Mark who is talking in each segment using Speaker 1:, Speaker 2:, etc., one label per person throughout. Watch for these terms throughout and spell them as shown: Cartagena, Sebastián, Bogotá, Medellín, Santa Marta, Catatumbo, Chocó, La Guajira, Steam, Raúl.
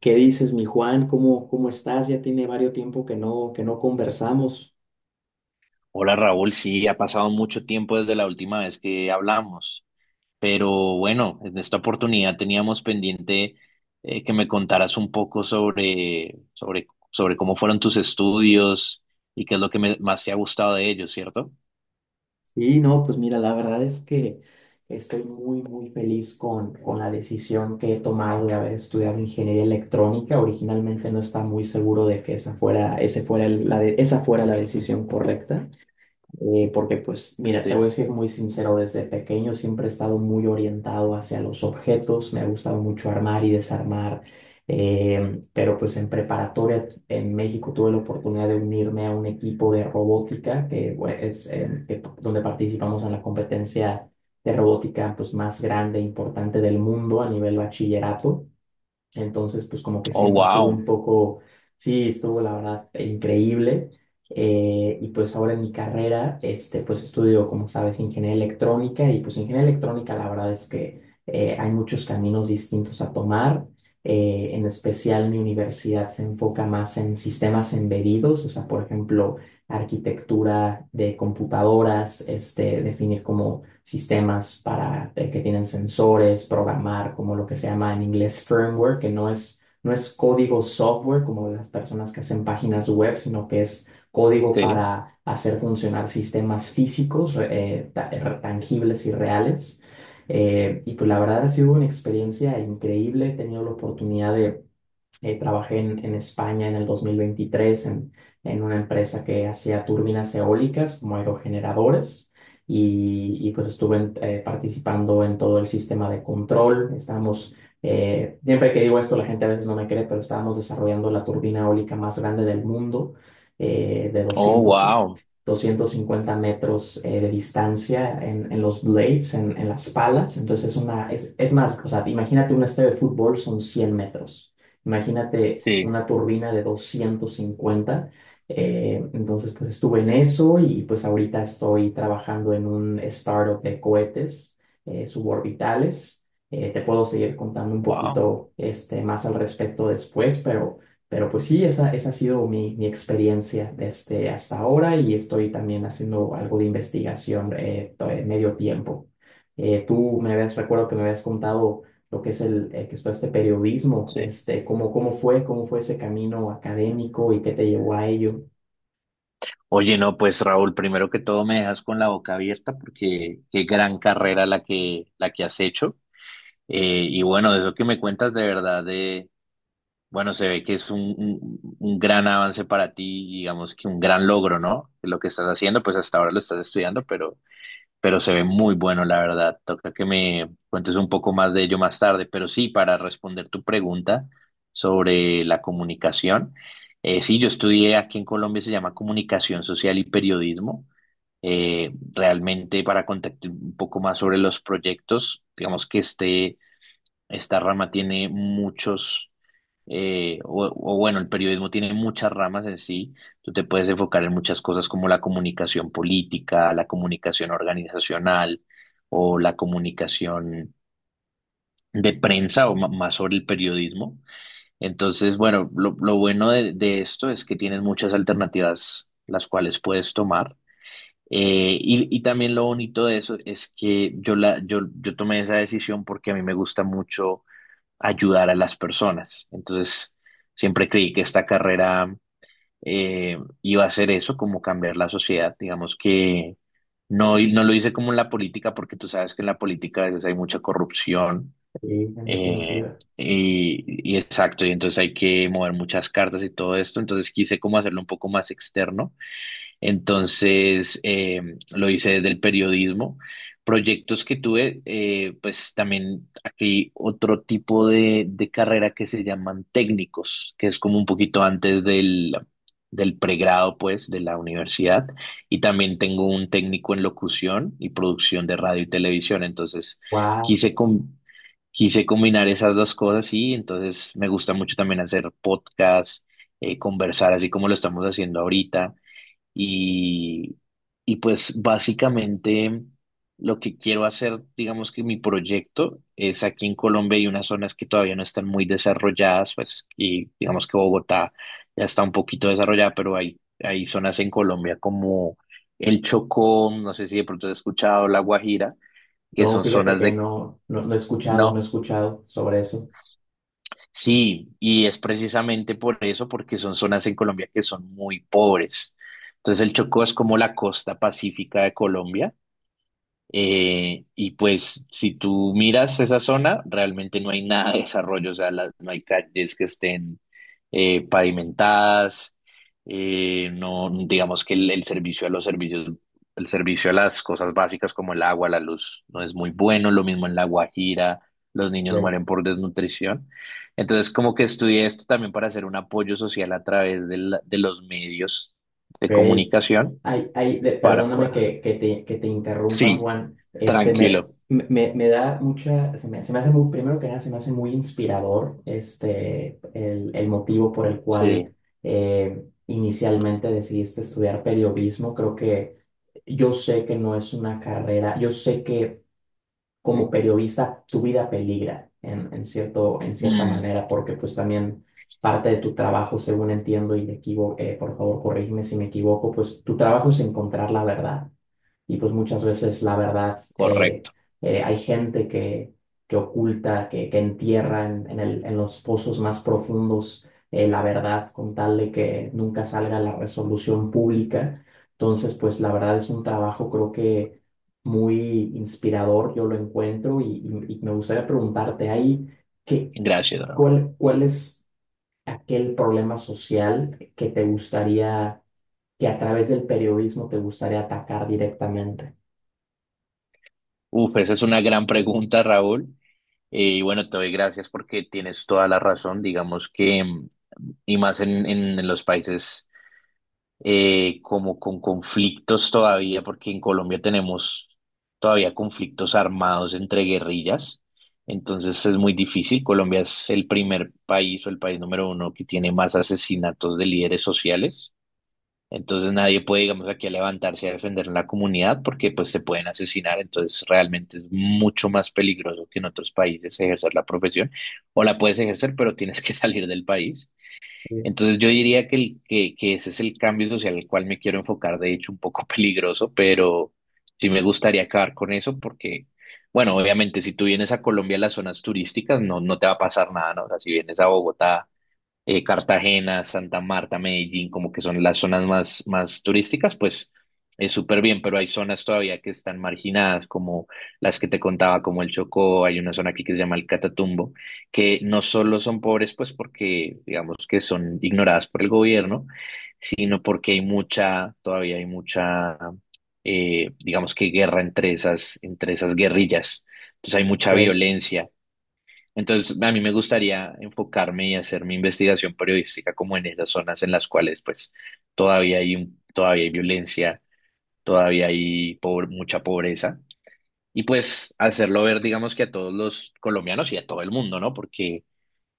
Speaker 1: ¿Qué dices, mi Juan? ¿Cómo estás? Ya tiene varios tiempo que no conversamos.
Speaker 2: Hola Raúl, sí, ha pasado mucho tiempo desde la última vez que hablamos, pero bueno, en esta oportunidad teníamos pendiente que me contaras un poco sobre cómo fueron tus estudios y qué es lo que más te ha gustado de ellos, ¿cierto?
Speaker 1: Y no, pues mira, la verdad es que estoy muy feliz con la decisión que he tomado de haber estudiado ingeniería electrónica. Originalmente no estaba muy seguro de que esa fuera, ese fuera el- la de- esa fuera la decisión correcta. Porque pues mira, te voy a
Speaker 2: Sí.
Speaker 1: decir muy sincero, desde pequeño siempre he estado muy orientado hacia los objetos, me ha gustado mucho armar y desarmar, pero pues en preparatoria en México tuve la oportunidad de unirme a un equipo de robótica, que bueno, donde participamos en la competencia de robótica pues más grande e importante del mundo a nivel bachillerato. Entonces, pues como que
Speaker 2: Oh,
Speaker 1: siempre estuve un
Speaker 2: wow.
Speaker 1: poco, sí, estuvo la verdad increíble. Y pues ahora en mi carrera, este, pues estudio, como sabes, ingeniería electrónica, y pues ingeniería electrónica la verdad es que hay muchos caminos distintos a tomar. En especial mi universidad se enfoca más en sistemas embedidos, o sea, por ejemplo, arquitectura de computadoras, este, definir como sistemas para, que tienen sensores, programar, como lo que se llama en inglés firmware, que no es código software como las personas que hacen páginas web, sino que es código
Speaker 2: Sí.
Speaker 1: para hacer funcionar sistemas físicos, tangibles y reales. Y pues la verdad ha sido una experiencia increíble, he tenido la oportunidad de trabajé en España en el 2023 en una empresa que hacía turbinas eólicas como aerogeneradores pues estuve participando en todo el sistema de control. Estábamos, siempre que digo esto la gente a veces no me cree, pero estábamos desarrollando la turbina eólica más grande del mundo, de
Speaker 2: Oh, wow.
Speaker 1: 250 metros de distancia en los blades, en las palas. Entonces es más, o sea, imagínate un estadio de fútbol son 100 metros. Imagínate
Speaker 2: Sí.
Speaker 1: una turbina de 250. Entonces, pues estuve en eso, y pues ahorita estoy trabajando en un startup de cohetes suborbitales. Te puedo seguir contando un
Speaker 2: Wow.
Speaker 1: poquito este, más al respecto después, pero pues sí, esa ha sido mi experiencia desde hasta ahora, y estoy también haciendo algo de investigación medio tiempo. Tú me habías, recuerdo que me habías contado lo que es que es todo este periodismo,
Speaker 2: Sí.
Speaker 1: este, cómo fue ese camino académico y qué te llevó a ello.
Speaker 2: Oye, no, pues Raúl, primero que todo me dejas con la boca abierta porque qué gran carrera la que has hecho. Y bueno, de eso que me cuentas de verdad, de, bueno, se ve que es un gran avance para ti, digamos que un gran logro, ¿no? Lo que estás haciendo, pues hasta ahora lo estás estudiando, pero se ve muy bueno, la verdad. Toca que me cuentes un poco más de ello más tarde, pero sí, para responder tu pregunta sobre la comunicación, sí, yo estudié aquí en Colombia, se llama Comunicación Social y Periodismo. Realmente para contarte un poco más sobre los proyectos, digamos que este... Esta rama tiene muchos, o bueno, el periodismo tiene muchas ramas en sí. Tú te puedes enfocar en muchas cosas como la comunicación política, la comunicación organizacional o la comunicación de prensa o más sobre el periodismo. Entonces, bueno, lo bueno de esto es que tienes muchas alternativas las cuales puedes tomar. Y, y también lo bonito de eso es que yo tomé esa decisión porque a mí me gusta mucho ayudar a las personas. Entonces, siempre creí que esta carrera iba a ser eso, como cambiar la sociedad. Digamos que no, no lo hice como en la política, porque tú sabes que en la política a veces hay mucha corrupción.
Speaker 1: Sí, en
Speaker 2: eh,
Speaker 1: definitiva.
Speaker 2: y, y exacto, y entonces hay que mover muchas cartas y todo esto. Entonces quise como hacerlo un poco más externo entonces, lo hice desde el periodismo. Proyectos que tuve, pues también aquí otro tipo de carrera que se llaman técnicos, que es como un poquito antes del, del pregrado, pues, de la universidad. Y también tengo un técnico en locución y producción de radio y televisión. Entonces,
Speaker 1: Wow.
Speaker 2: quise com- quise combinar esas dos cosas y entonces me gusta mucho también hacer podcast, conversar así como lo estamos haciendo ahorita. Y, y pues básicamente lo que quiero hacer, digamos que mi proyecto es aquí en Colombia hay unas zonas que todavía no están muy desarrolladas, pues y digamos que Bogotá ya está un poquito desarrollada, pero hay zonas en Colombia como el Chocó, no sé si de pronto has escuchado La Guajira, que
Speaker 1: No,
Speaker 2: son
Speaker 1: fíjate
Speaker 2: zonas
Speaker 1: que
Speaker 2: de...
Speaker 1: no, no he escuchado, no he
Speaker 2: No,
Speaker 1: escuchado sobre eso.
Speaker 2: sí, y es precisamente por eso, porque son zonas en Colombia que son muy pobres. Entonces el Chocó es como la costa pacífica de Colombia. Y pues si tú miras esa zona, realmente no hay nada de desarrollo, o sea, no hay calles que estén pavimentadas, no, digamos que el servicio a los servicios, el servicio a las cosas básicas como el agua, la luz, no es muy bueno, lo mismo en La Guajira, los niños
Speaker 1: Ok.
Speaker 2: mueren por desnutrición. Entonces, como que estudié esto también para hacer un apoyo social a través de, de los medios de comunicación
Speaker 1: Ay, ay,
Speaker 2: para
Speaker 1: perdóname
Speaker 2: poder.
Speaker 1: que te interrumpa,
Speaker 2: Sí,
Speaker 1: Juan. Este,
Speaker 2: tranquilo.
Speaker 1: me da mucha, se me hace muy, primero que nada, se me hace muy inspirador este, el motivo por el
Speaker 2: Sí,
Speaker 1: cual inicialmente decidiste estudiar periodismo. Creo que yo sé que no es una carrera, yo sé que como
Speaker 2: sí.
Speaker 1: periodista tu vida peligra en cierto, en cierta
Speaker 2: Mm,
Speaker 1: manera, porque pues también parte de tu trabajo, según entiendo y me equivoco, por favor, corrígeme si me equivoco, pues tu trabajo es encontrar la verdad y pues muchas veces la verdad
Speaker 2: correcto.
Speaker 1: hay gente que oculta, que entierra en los pozos más profundos la verdad con tal de que nunca salga la resolución pública. Entonces, pues la verdad es un trabajo creo que muy inspirador, yo lo encuentro, y me gustaría preguntarte ahí, ¿qué,
Speaker 2: Gracias, Raúl.
Speaker 1: ¿cuál, cuál es aquel problema social que te gustaría, que a través del periodismo te gustaría atacar directamente?
Speaker 2: Uf, esa es una gran pregunta, Raúl. Y bueno, te doy gracias porque tienes toda la razón. Digamos que, mm, y más en los países como con conflictos todavía, porque en Colombia tenemos todavía conflictos armados entre guerrillas. Entonces es muy difícil. Colombia es el primer país o el país número uno que tiene más asesinatos de líderes sociales. Entonces nadie puede, digamos, aquí a levantarse a defender la comunidad porque pues se pueden asesinar. Entonces realmente es mucho más peligroso que en otros países ejercer la profesión. O la puedes ejercer, pero tienes que salir del país. Entonces yo diría que, que ese es el cambio social al cual me quiero enfocar, de hecho un poco peligroso, pero sí me gustaría acabar con eso porque, bueno, obviamente si tú vienes a Colombia, a las zonas turísticas, no, no te va a pasar nada, ¿no? O sea, si vienes a Bogotá, Cartagena, Santa Marta, Medellín, como que son las zonas más turísticas, pues es súper bien, pero hay zonas todavía que están marginadas, como las que te contaba, como el Chocó. Hay una zona aquí que se llama el Catatumbo, que no solo son pobres, pues porque digamos que son ignoradas por el gobierno, sino porque hay mucha, todavía hay mucha, digamos que guerra entre entre esas guerrillas. Entonces hay mucha
Speaker 1: Right?
Speaker 2: violencia, entonces, a mí me gustaría enfocarme y hacer mi investigación periodística como en esas zonas en las cuales pues todavía hay violencia, mucha pobreza y pues hacerlo ver digamos que a todos los colombianos y a todo el mundo, ¿no? Porque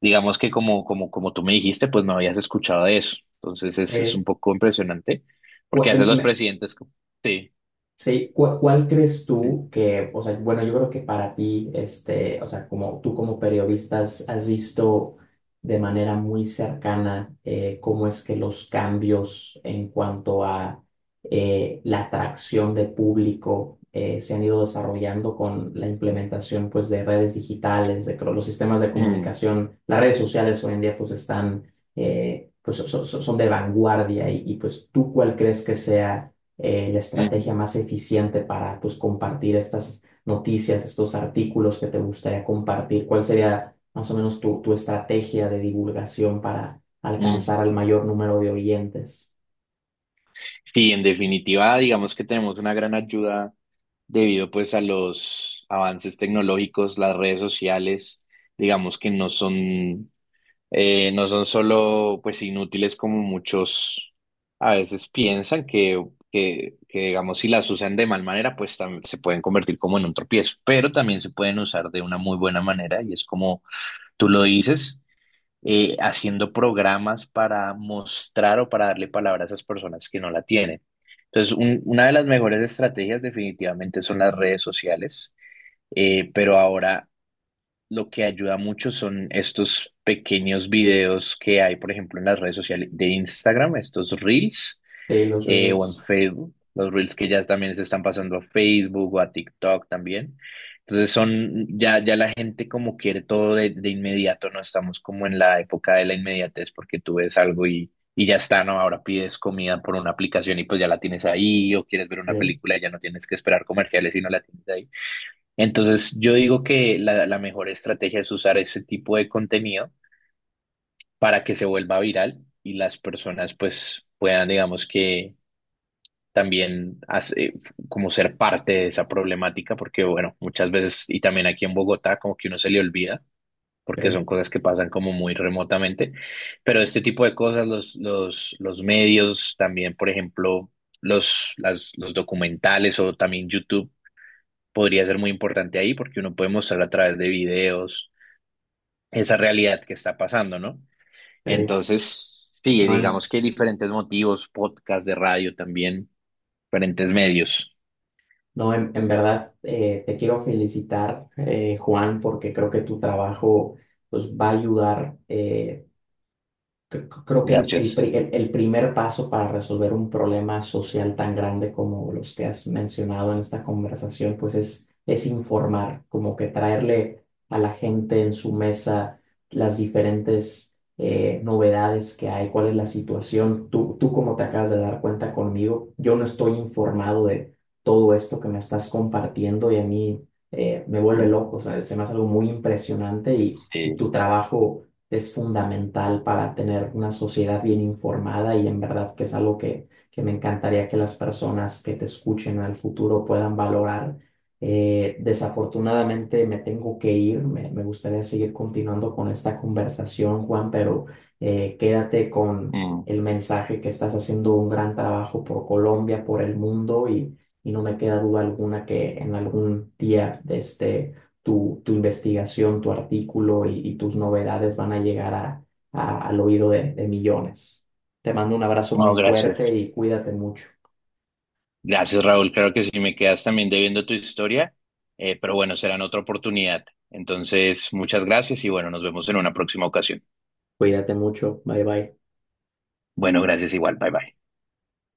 Speaker 2: digamos que como tú me dijiste, pues no habías escuchado de eso. Entonces, es un
Speaker 1: Eh,
Speaker 2: poco impresionante
Speaker 1: cu-
Speaker 2: porque a veces
Speaker 1: em-
Speaker 2: los
Speaker 1: me-
Speaker 2: presidentes como- sí,
Speaker 1: Sí, ¿cuál crees
Speaker 2: sí.
Speaker 1: tú que, o sea, bueno, yo creo que para ti, este, o sea, como tú como periodista has visto de manera muy cercana cómo es que los cambios en cuanto a la atracción de público se han ido desarrollando con la implementación, pues, de redes digitales, los sistemas de
Speaker 2: Mm,
Speaker 1: comunicación, las redes sociales hoy en día, pues, están, pues, son de vanguardia pues, ¿tú cuál crees que sea la estrategia
Speaker 2: ujú,
Speaker 1: más eficiente para, pues, compartir estas noticias, estos artículos que te gustaría compartir? ¿Cuál sería más o menos tu estrategia de divulgación para alcanzar
Speaker 2: ujú.
Speaker 1: al mayor número de oyentes?
Speaker 2: Sí, en definitiva, digamos que tenemos una gran ayuda debido pues a los avances tecnológicos, las redes sociales, digamos que no son, no son solo pues inútiles como muchos a veces piensan que, digamos si las usan de mal manera pues se pueden convertir como en un tropiezo, pero también se pueden usar de una muy buena manera y es como tú lo dices, haciendo programas para mostrar o para darle palabra a esas personas que no la tienen. Entonces, una de las mejores estrategias definitivamente son las redes sociales, pero ahora lo que ayuda mucho son estos pequeños videos que hay, por ejemplo, en las redes sociales de Instagram, estos reels,
Speaker 1: Sí, los
Speaker 2: o en
Speaker 1: Reels.
Speaker 2: Facebook, los Reels que ya también se están pasando a Facebook o a TikTok también. Entonces son, ya, ya la gente como quiere todo de inmediato, no estamos como en la época de la inmediatez porque tú ves algo y ya está, ¿no? Ahora pides comida por una aplicación y pues ya la tienes ahí, o quieres ver una
Speaker 1: Sí,
Speaker 2: película y ya no tienes que esperar comerciales y no la tienes ahí. Entonces yo digo que la mejor estrategia es usar ese tipo de contenido para que se vuelva viral y las personas pues puedan, digamos que también como ser parte de esa problemática, porque bueno, muchas veces, y también aquí en Bogotá, como que uno se le olvida, porque
Speaker 1: sí,
Speaker 2: son cosas que pasan como muy remotamente, pero este tipo de cosas, los medios, también, por ejemplo, los documentales o también YouTube, podría ser muy importante ahí, porque uno puede mostrar a través de videos esa realidad que está pasando, ¿no?
Speaker 1: sí.
Speaker 2: Entonces, sí,
Speaker 1: No, en,
Speaker 2: digamos que hay diferentes motivos, podcast de radio también, diferentes medios.
Speaker 1: no, en verdad te quiero felicitar, Juan, porque creo que tu trabajo pues va a ayudar. Creo que
Speaker 2: Gracias.
Speaker 1: el primer paso para resolver un problema social tan grande como los que has mencionado en esta conversación, pues es informar, como que traerle a la gente en su mesa las diferentes novedades que hay, cuál es la situación. Tú como te acabas de dar cuenta conmigo, yo no estoy informado de todo esto que me estás compartiendo, y a mí me vuelve
Speaker 2: Mm,
Speaker 1: loco, o sea, se me hace algo muy impresionante, y
Speaker 2: sí.
Speaker 1: tu trabajo es fundamental para tener una sociedad bien informada, y en verdad que es algo que me encantaría que las personas que te escuchen al futuro puedan valorar. Desafortunadamente me tengo que ir, me gustaría seguir continuando con esta conversación, Juan, pero quédate con
Speaker 2: Mm,
Speaker 1: el mensaje que estás haciendo un gran trabajo por Colombia, por el mundo, y no me queda duda alguna que en algún día de este tu investigación, tu artículo y tus novedades van a llegar al oído de millones. Te mando un abrazo muy
Speaker 2: no,
Speaker 1: fuerte
Speaker 2: gracias.
Speaker 1: y cuídate mucho.
Speaker 2: Gracias, Raúl. Claro que sí, me quedas también debiendo tu historia, pero bueno, será en otra oportunidad. Entonces, muchas gracias y bueno, nos vemos en una próxima ocasión.
Speaker 1: Cuídate mucho. Bye bye.
Speaker 2: Bueno, gracias igual. Bye bye.